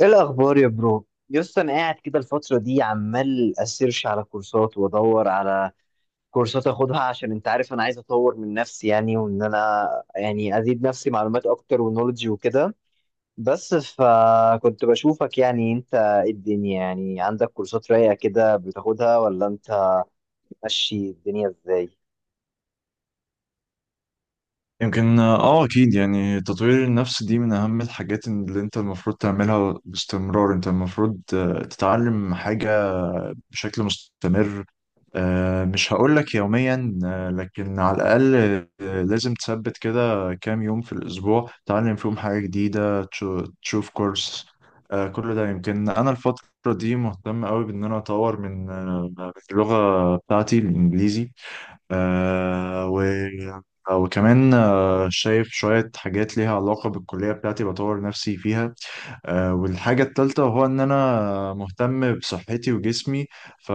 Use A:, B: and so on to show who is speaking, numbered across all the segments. A: ايه الاخبار يا برو؟ يس، انا قاعد كده الفتره دي عمال اسيرش على كورسات وادور على كورسات اخدها، عشان انت عارف انا عايز اطور من نفسي يعني، وان انا يعني ازيد نفسي معلومات اكتر ونولج وكده. بس فكنت بشوفك، يعني انت إيه الدنيا؟ يعني عندك كورسات رايقه كده بتاخدها، ولا انت ماشي الدنيا ازاي؟
B: يمكن اكيد يعني تطوير النفس دي من اهم الحاجات اللي انت المفروض تعملها باستمرار. انت المفروض تتعلم حاجة بشكل مستمر. مش هقولك يوميا، لكن على الاقل لازم تثبت كده كام يوم في الاسبوع تتعلم فيهم حاجة جديدة، تشوف كورس. كل ده. يمكن انا الفترة دي مهتم قوي بان انا اطور من اللغة بتاعتي الانجليزي، آه و... وكمان شايف شوية حاجات ليها علاقة بالكلية بتاعتي بطور نفسي فيها. والحاجة التالتة هو إن أنا مهتم بصحتي وجسمي، ف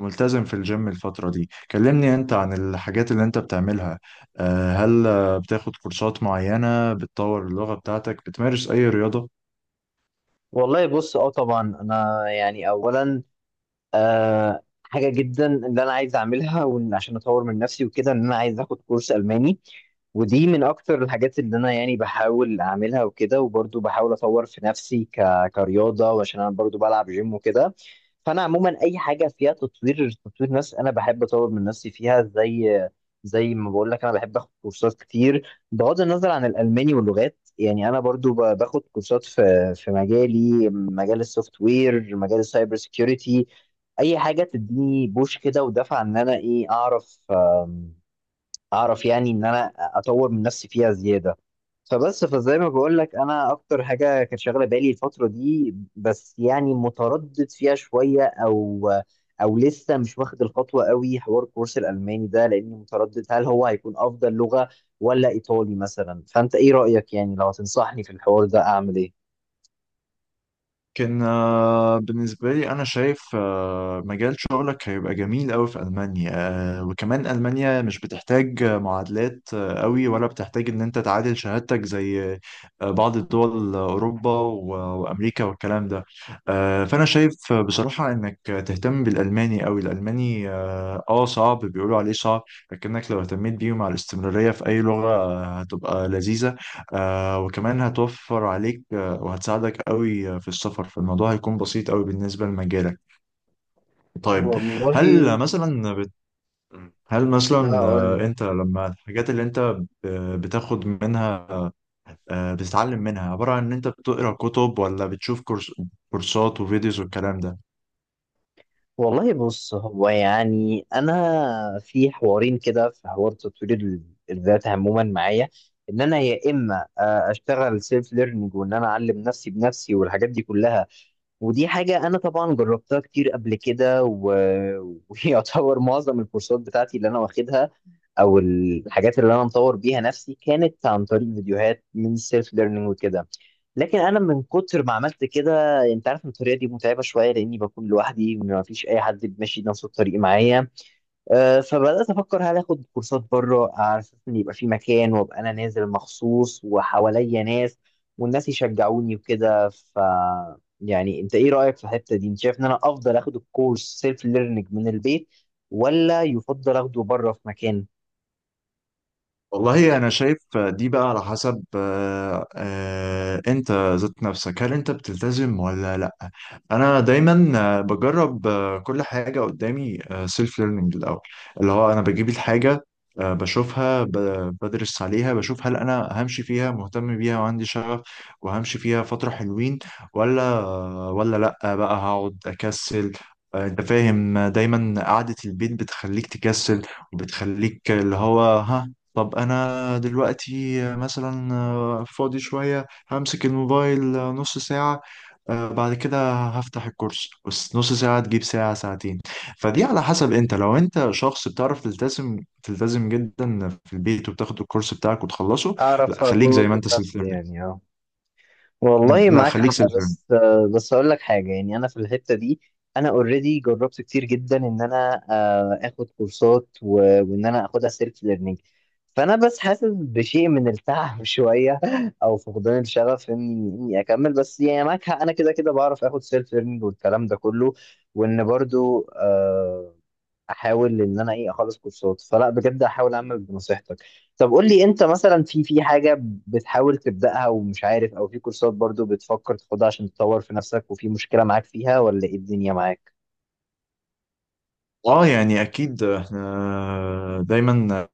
B: ملتزم في الجيم الفترة دي. كلمني أنت عن الحاجات اللي أنت بتعملها. هل بتاخد كورسات معينة بتطور اللغة بتاعتك؟ بتمارس أي رياضة؟
A: والله بص، اه، طبعا انا يعني اولا حاجة جدا اللي أنا عايز أعملها، وإن عشان أطور من نفسي وكده، إن أنا عايز آخد كورس ألماني، ودي من أكتر الحاجات اللي أنا يعني بحاول أعملها وكده. وبرضه بحاول أطور في نفسي كرياضة، وعشان أنا برضه بلعب جيم وكده. فأنا عموما أي حاجة فيها تطوير نفس أنا بحب أطور من نفسي فيها، زي ما بقول لك أنا بحب آخد كورسات كتير بغض النظر عن الألماني واللغات. يعني انا برضو باخد كورسات في مجالي، مجال السوفت وير، مجال السايبر سيكيورتي. اي حاجه تديني بوش كده ودفع ان انا ايه اعرف، اعرف يعني ان انا اطور من نفسي فيها زياده. فبس فزي ما بقول لك انا اكتر حاجه كانت شاغله بالي الفتره دي، بس يعني متردد فيها شويه، او لسه مش واخد الخطوه قوي، حوار الكورس الالماني ده، لاني متردد هل هو هيكون افضل لغه ولا ايطالي مثلا. فانت ايه رايك؟ يعني لو هتنصحني في الحوار ده اعمل ايه؟
B: كان بالنسبة لي أنا شايف مجال شغلك هيبقى جميل أوي في ألمانيا. وكمان ألمانيا مش بتحتاج معادلات أوي، ولا بتحتاج إن أنت تعادل شهادتك زي بعض الدول. وأمريكا والكلام ده. فأنا شايف بصراحة إنك تهتم بالألماني أوي. الألماني صعب، بيقولوا عليه صعب، لكنك لو اهتميت بيه مع الاستمرارية في أي لغة هتبقى لذيذة. وكمان هتوفر عليك وهتساعدك قوي في السفر. فالموضوع هيكون بسيط قوي بالنسبة لمجالك. طيب،
A: والله
B: هل مثلا بت... هل مثلا
A: هقول
B: انت لما الحاجات اللي انت ب- بتاخد منها بتتعلم منها عبارة عن ان انت بتقرا كتب، ولا بتشوف كورسات وفيديوز والكلام ده؟
A: والله بص، هو يعني انا في حوارين كده، في حوار تطوير الذات عموما معايا، ان انا يا اما اشتغل سيلف ليرنينج وان انا اعلم نفسي بنفسي والحاجات دي كلها. ودي حاجه انا طبعا جربتها كتير قبل كده ويعتبر معظم الكورسات بتاعتي اللي انا واخدها او الحاجات اللي انا مطور بيها نفسي كانت عن طريق فيديوهات من السيلف ليرنينج وكده. لكن انا من كتر ما عملت كده، انت عارف إن الطريقه دي متعبه شويه لاني بكون لوحدي، ما فيش اي حد ماشي نفس الطريق معايا. فبدات افكر هل اخد كورسات بره، على اساس ان يبقى في مكان وابقى انا نازل مخصوص وحواليا ناس والناس يشجعوني وكده. ف يعني انت ايه رايك في الحته دي؟ انت شايف ان انا افضل اخد الكورس سيلف ليرنينج من البيت، ولا يفضل اخده بره في مكان؟
B: والله انا شايف دي بقى على حسب انت ذات نفسك، هل انت بتلتزم ولا لا. انا دايما بجرب كل حاجه قدامي سيلف ليرنينج الاول. اللي هو انا بجيب الحاجه بشوفها، بدرس عليها، بشوف هل انا همشي فيها، مهتم بيها وعندي شغف وهمشي فيها فتره حلوين، ولا لا بقى هقعد اكسل. انت فاهم؟ دايما قعدة البيت بتخليك تكسل، وبتخليك اللي هو ها. طب انا دلوقتي مثلا فاضي شوية، همسك الموبايل نص ساعة، بعد كده هفتح الكورس. بس نص ساعة تجيب ساعة، ساعتين. فدي على حسب. انت لو انت شخص بتعرف تلتزم، تلتزم جدا في البيت وبتاخد الكورس بتاعك وتخلصه.
A: اعرف
B: لا، خليك
A: اكون
B: زي ما
A: اظبط
B: انت سيلف
A: نفسي
B: ليرنينج.
A: يعني، اه. والله
B: لا،
A: معاك
B: خليك
A: حق.
B: سيلف.
A: بس اقول لك حاجه، يعني انا في الحته دي انا اوريدي جربت كتير جدا ان انا اخد كورسات، وان انا اخدها سيلف ليرنينج. فانا بس حاسس بشيء من التعب شويه، او فقدان الشغف اني اكمل. بس يعني معاك حق، انا كده كده بعرف اخد سيلف ليرنينج والكلام ده كله. وان برضو احاول ان انا ايه اخلص كورسات، فلا بجد احاول اعمل بنصيحتك. طب قول لي انت مثلا، في حاجه بتحاول تبداها ومش عارف، او في كورسات برضو بتفكر تاخدها عشان تطور في نفسك وفي مشكله معاك فيها، ولا ايه الدنيا معاك؟
B: اه، يعني اكيد احنا دايما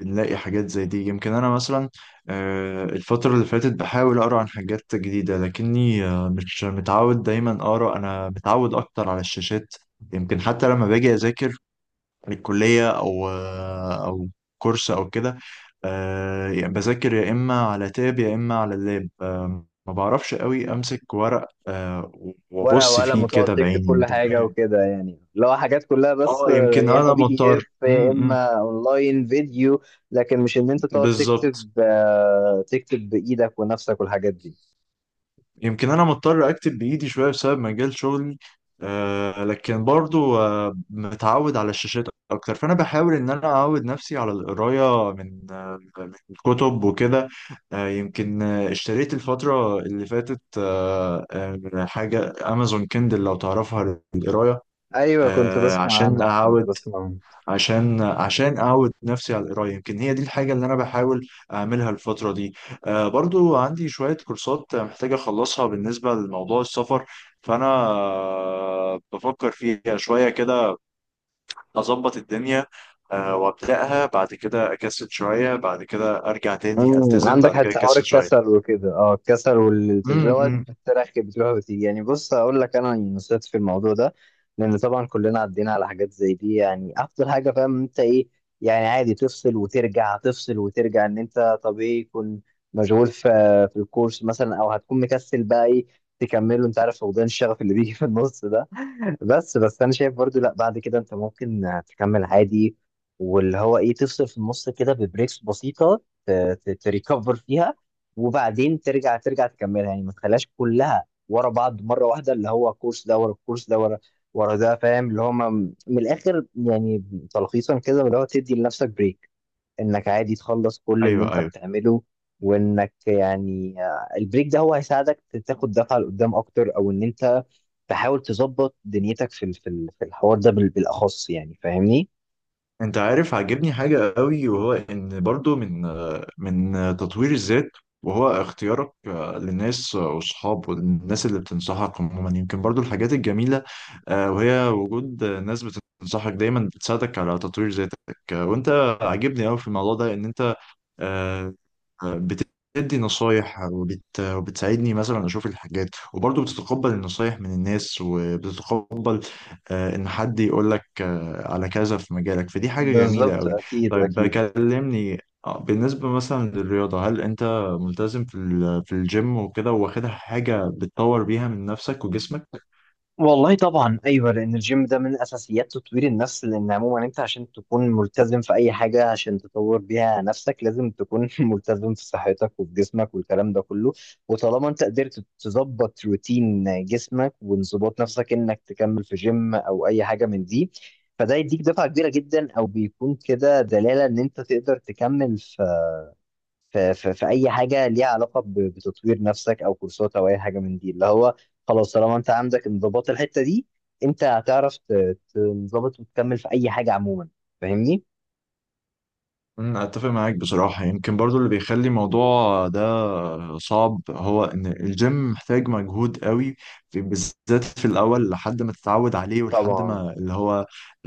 B: بنلاقي حاجات زي دي. يمكن انا مثلا الفترة اللي فاتت بحاول اقرا عن حاجات جديدة، لكني مش متعود دايما اقرا، انا متعود اكتر على الشاشات. يمكن حتى لما باجي اذاكر للكلية، او او كورس او كده يعني بذاكر يا اما على تاب يا اما على اللاب. ما بعرفش قوي امسك ورق
A: ورقه
B: وابص
A: وقلم
B: فيه
A: وتقعد
B: كده
A: تكتب
B: بعيني.
A: كل
B: انت
A: حاجه
B: فاهم؟
A: وكده، يعني لو حاجات كلها، بس
B: اه، يمكن
A: يا اما
B: انا
A: بي دي
B: مضطر.
A: اف يا اما اونلاين فيديو، لكن مش ان انت تقعد تكتب،
B: بالظبط.
A: تكتب بايدك ونفسك والحاجات دي.
B: يمكن انا مضطر اكتب بايدي شويه بسبب مجال شغلي، لكن برضو متعود على الشاشات اكتر. فانا بحاول ان انا اعود نفسي على القرايه من من كتب وكده. يمكن اشتريت الفتره اللي فاتت حاجه امازون كندل، لو تعرفها، للقرايه
A: ايوه، كنت بسمع
B: عشان
A: عنها، كنت
B: اعود
A: بسمع عنها.
B: عشان عشان اعود نفسي على القرايه. يمكن هي دي الحاجه اللي انا بحاول اعملها الفتره دي. برضو عندي شويه كورسات محتاج اخلصها بالنسبه لموضوع السفر، فانا بفكر فيها شويه كده، اظبط الدنيا وابداها. بعد كده اكسل شويه، بعد كده ارجع تاني
A: امم،
B: التزم،
A: عندك
B: بعد كده
A: حتى حوار
B: اكسل شويه.
A: الكسل وكده، اه، الكسل والالتزام دوت،
B: امم
A: بتروح وتيجي يعني. بص اقول لك انا نصيحتي في الموضوع ده، لان طبعا كلنا عدينا على حاجات زي دي. يعني افضل حاجه، فاهم انت ايه؟ يعني عادي تفصل وترجع، تفصل وترجع، ان انت طبيعي يكون مشغول في الكورس مثلا، او هتكون مكسل بقى ايه تكمله، انت عارف، فقدان الشغف اللي بيجي في النص ده. بس انا شايف برضو لا، بعد كده انت ممكن تكمل عادي، واللي هو ايه، تفصل في النص كده ببريكس بسيطه، ت- تريكفر فيها، وبعدين ترجع تكملها. يعني ما تخليهاش كلها ورا بعض مره واحده، اللي هو الكورس ده ورا الكورس ده ورا ورا ده، فاهم اللي هو، من الاخر يعني، تلخيصا كده، اللي هو تدي لنفسك بريك، انك عادي تخلص كل اللي
B: ايوه،
A: انت
B: ايوه.
A: بتعمله. وانك يعني، البريك ده هو هيساعدك تاخد دفعة لقدام اكتر، او ان انت تحاول تظبط دنيتك في الحوار ده بالاخص، يعني فاهمني؟
B: انت عارف عاجبني حاجة قوي، وهو ان برضو من من تطوير الذات وهو اختيارك للناس واصحاب والناس اللي بتنصحك عموما. يمكن برضو الحاجات الجميلة وهي وجود ناس بتنصحك دايما، بتساعدك على تطوير ذاتك. وانت عاجبني قوي في الموضوع ده ان انت آه، بتدي نصايح وبتساعدني مثلا اشوف الحاجات، وبرضه بتتقبل النصايح من الناس، وبتتقبل ان حد يقول لك على كذا في مجالك. فدي حاجة جميلة
A: بالظبط،
B: قوي.
A: اكيد
B: طيب،
A: اكيد.
B: كلمني بالنسبة مثلا للرياضة. هل انت ملتزم في الجيم وكده؟ واخدها حاجة بتطور بيها من نفسك وجسمك؟
A: والله طبعا ايوه، لان الجيم ده من اساسيات تطوير النفس. لان عموما انت عشان تكون ملتزم في اي حاجه عشان تطور بيها نفسك، لازم تكون ملتزم في صحتك وفي جسمك والكلام ده كله. وطالما انت قدرت تظبط روتين جسمك وانضباط نفسك انك تكمل في جيم او اي حاجه من دي، فده يديك دفعه كبيره جدا، او بيكون كده دلاله ان انت تقدر تكمل في اي حاجه ليها علاقه بتطوير نفسك، او كورسات او اي حاجه من دي، اللي هو خلاص طالما انت عندك انضباط الحته دي، انت هتعرف تنضبط وتكمل في اي حاجه عموما، فاهمني؟
B: أمم، اتفق معاك بصراحة. يمكن برضو اللي بيخلي الموضوع ده صعب هو ان الجيم محتاج مجهود قوي في، بالذات في الاول، لحد ما تتعود عليه ولحد
A: طبعا
B: ما اللي هو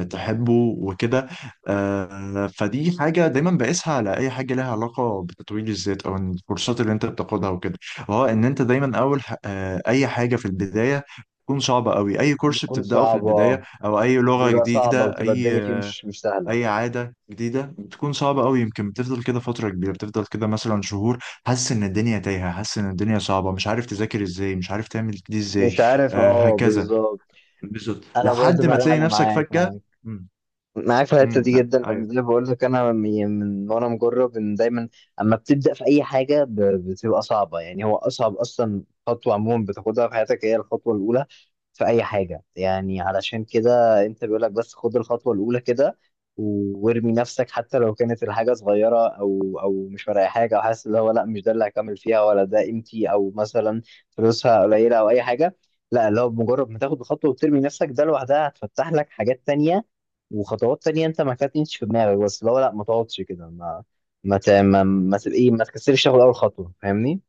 B: تحبه وكده. فدي حاجة دايما بقيسها على اي حاجة لها علاقة بتطوير الذات، او إن الكورسات اللي انت بتاخدها وكده. هو ان انت دايما اول اي حاجة في البداية تكون صعبة قوي. أي كورس
A: بتكون
B: بتبدأه في البداية،
A: صعبه،
B: أو أي لغة
A: بيبقى صعبه
B: جديدة،
A: وتبقى
B: أي
A: الدنيا فيه مش سهله.
B: اي عاده جديده بتكون صعبه قوي. يمكن بتفضل كده فتره كبيره، بتفضل كده مثلا شهور حاسس ان الدنيا تايهه، حاسس ان الدنيا صعبه، مش عارف تذاكر ازاي، مش عارف تعمل دي ازاي،
A: مش عارف، اه
B: هكذا،
A: بالظبط.
B: بالظبط،
A: انا برضو
B: لحد ما
A: بقى، لا
B: تلاقي
A: انا
B: نفسك
A: معاك
B: فجاه.
A: معاك
B: امم
A: معاك في الحته
B: امم.
A: دي جدا، لان زي ما بقول لك انا من وانا مجرب ان دايما اما بتبدا في اي حاجه، بتبقى صعبه. يعني هو اصعب اصلا خطوه عموما بتاخدها في حياتك هي الخطوه الاولى في اي حاجه، يعني علشان كده انت بيقول لك بس خد الخطوه الاولى كده، وارمي نفسك، حتى لو كانت الحاجه صغيره، او مش فارقه حاجه، او حاسس اللي هو لا مش ده اللي هكمل فيها، ولا ده قيمتي، او مثلا فلوسها قليله او اي حاجه. لا، اللي هو بمجرد ما تاخد الخطوه وترمي نفسك ده لوحدها هتفتح لك حاجات تانية وخطوات تانية انت ما كانتش في دماغك. بس لو لا ما تقعدش كده، ما تبقى ايه، ما تكسرش، تاخد اول خطوه، فاهمني؟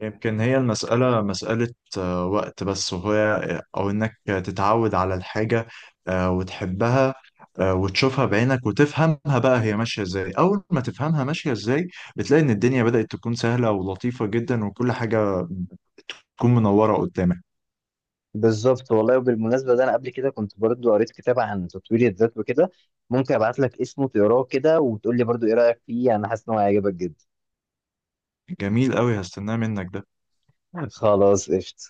B: يمكن هي المسألة مسألة وقت بس، وهي أو إنك تتعود على الحاجة وتحبها وتشوفها بعينك وتفهمها بقى هي ماشية إزاي. أول ما تفهمها ماشية إزاي بتلاقي إن الدنيا بدأت تكون سهلة ولطيفة جدا، وكل حاجة تكون منورة قدامك.
A: بالظبط. والله وبالمناسبه ده، انا قبل كده كنت برضو قريت كتاب عن تطوير الذات وكده، ممكن ابعت لك اسمه تقراه كده وتقول لي برضو ايه رايك فيه. انا حاسس ان هو هيعجبك جدا.
B: جميل أوي، هستناه منك ده.
A: خلاص، قشطه.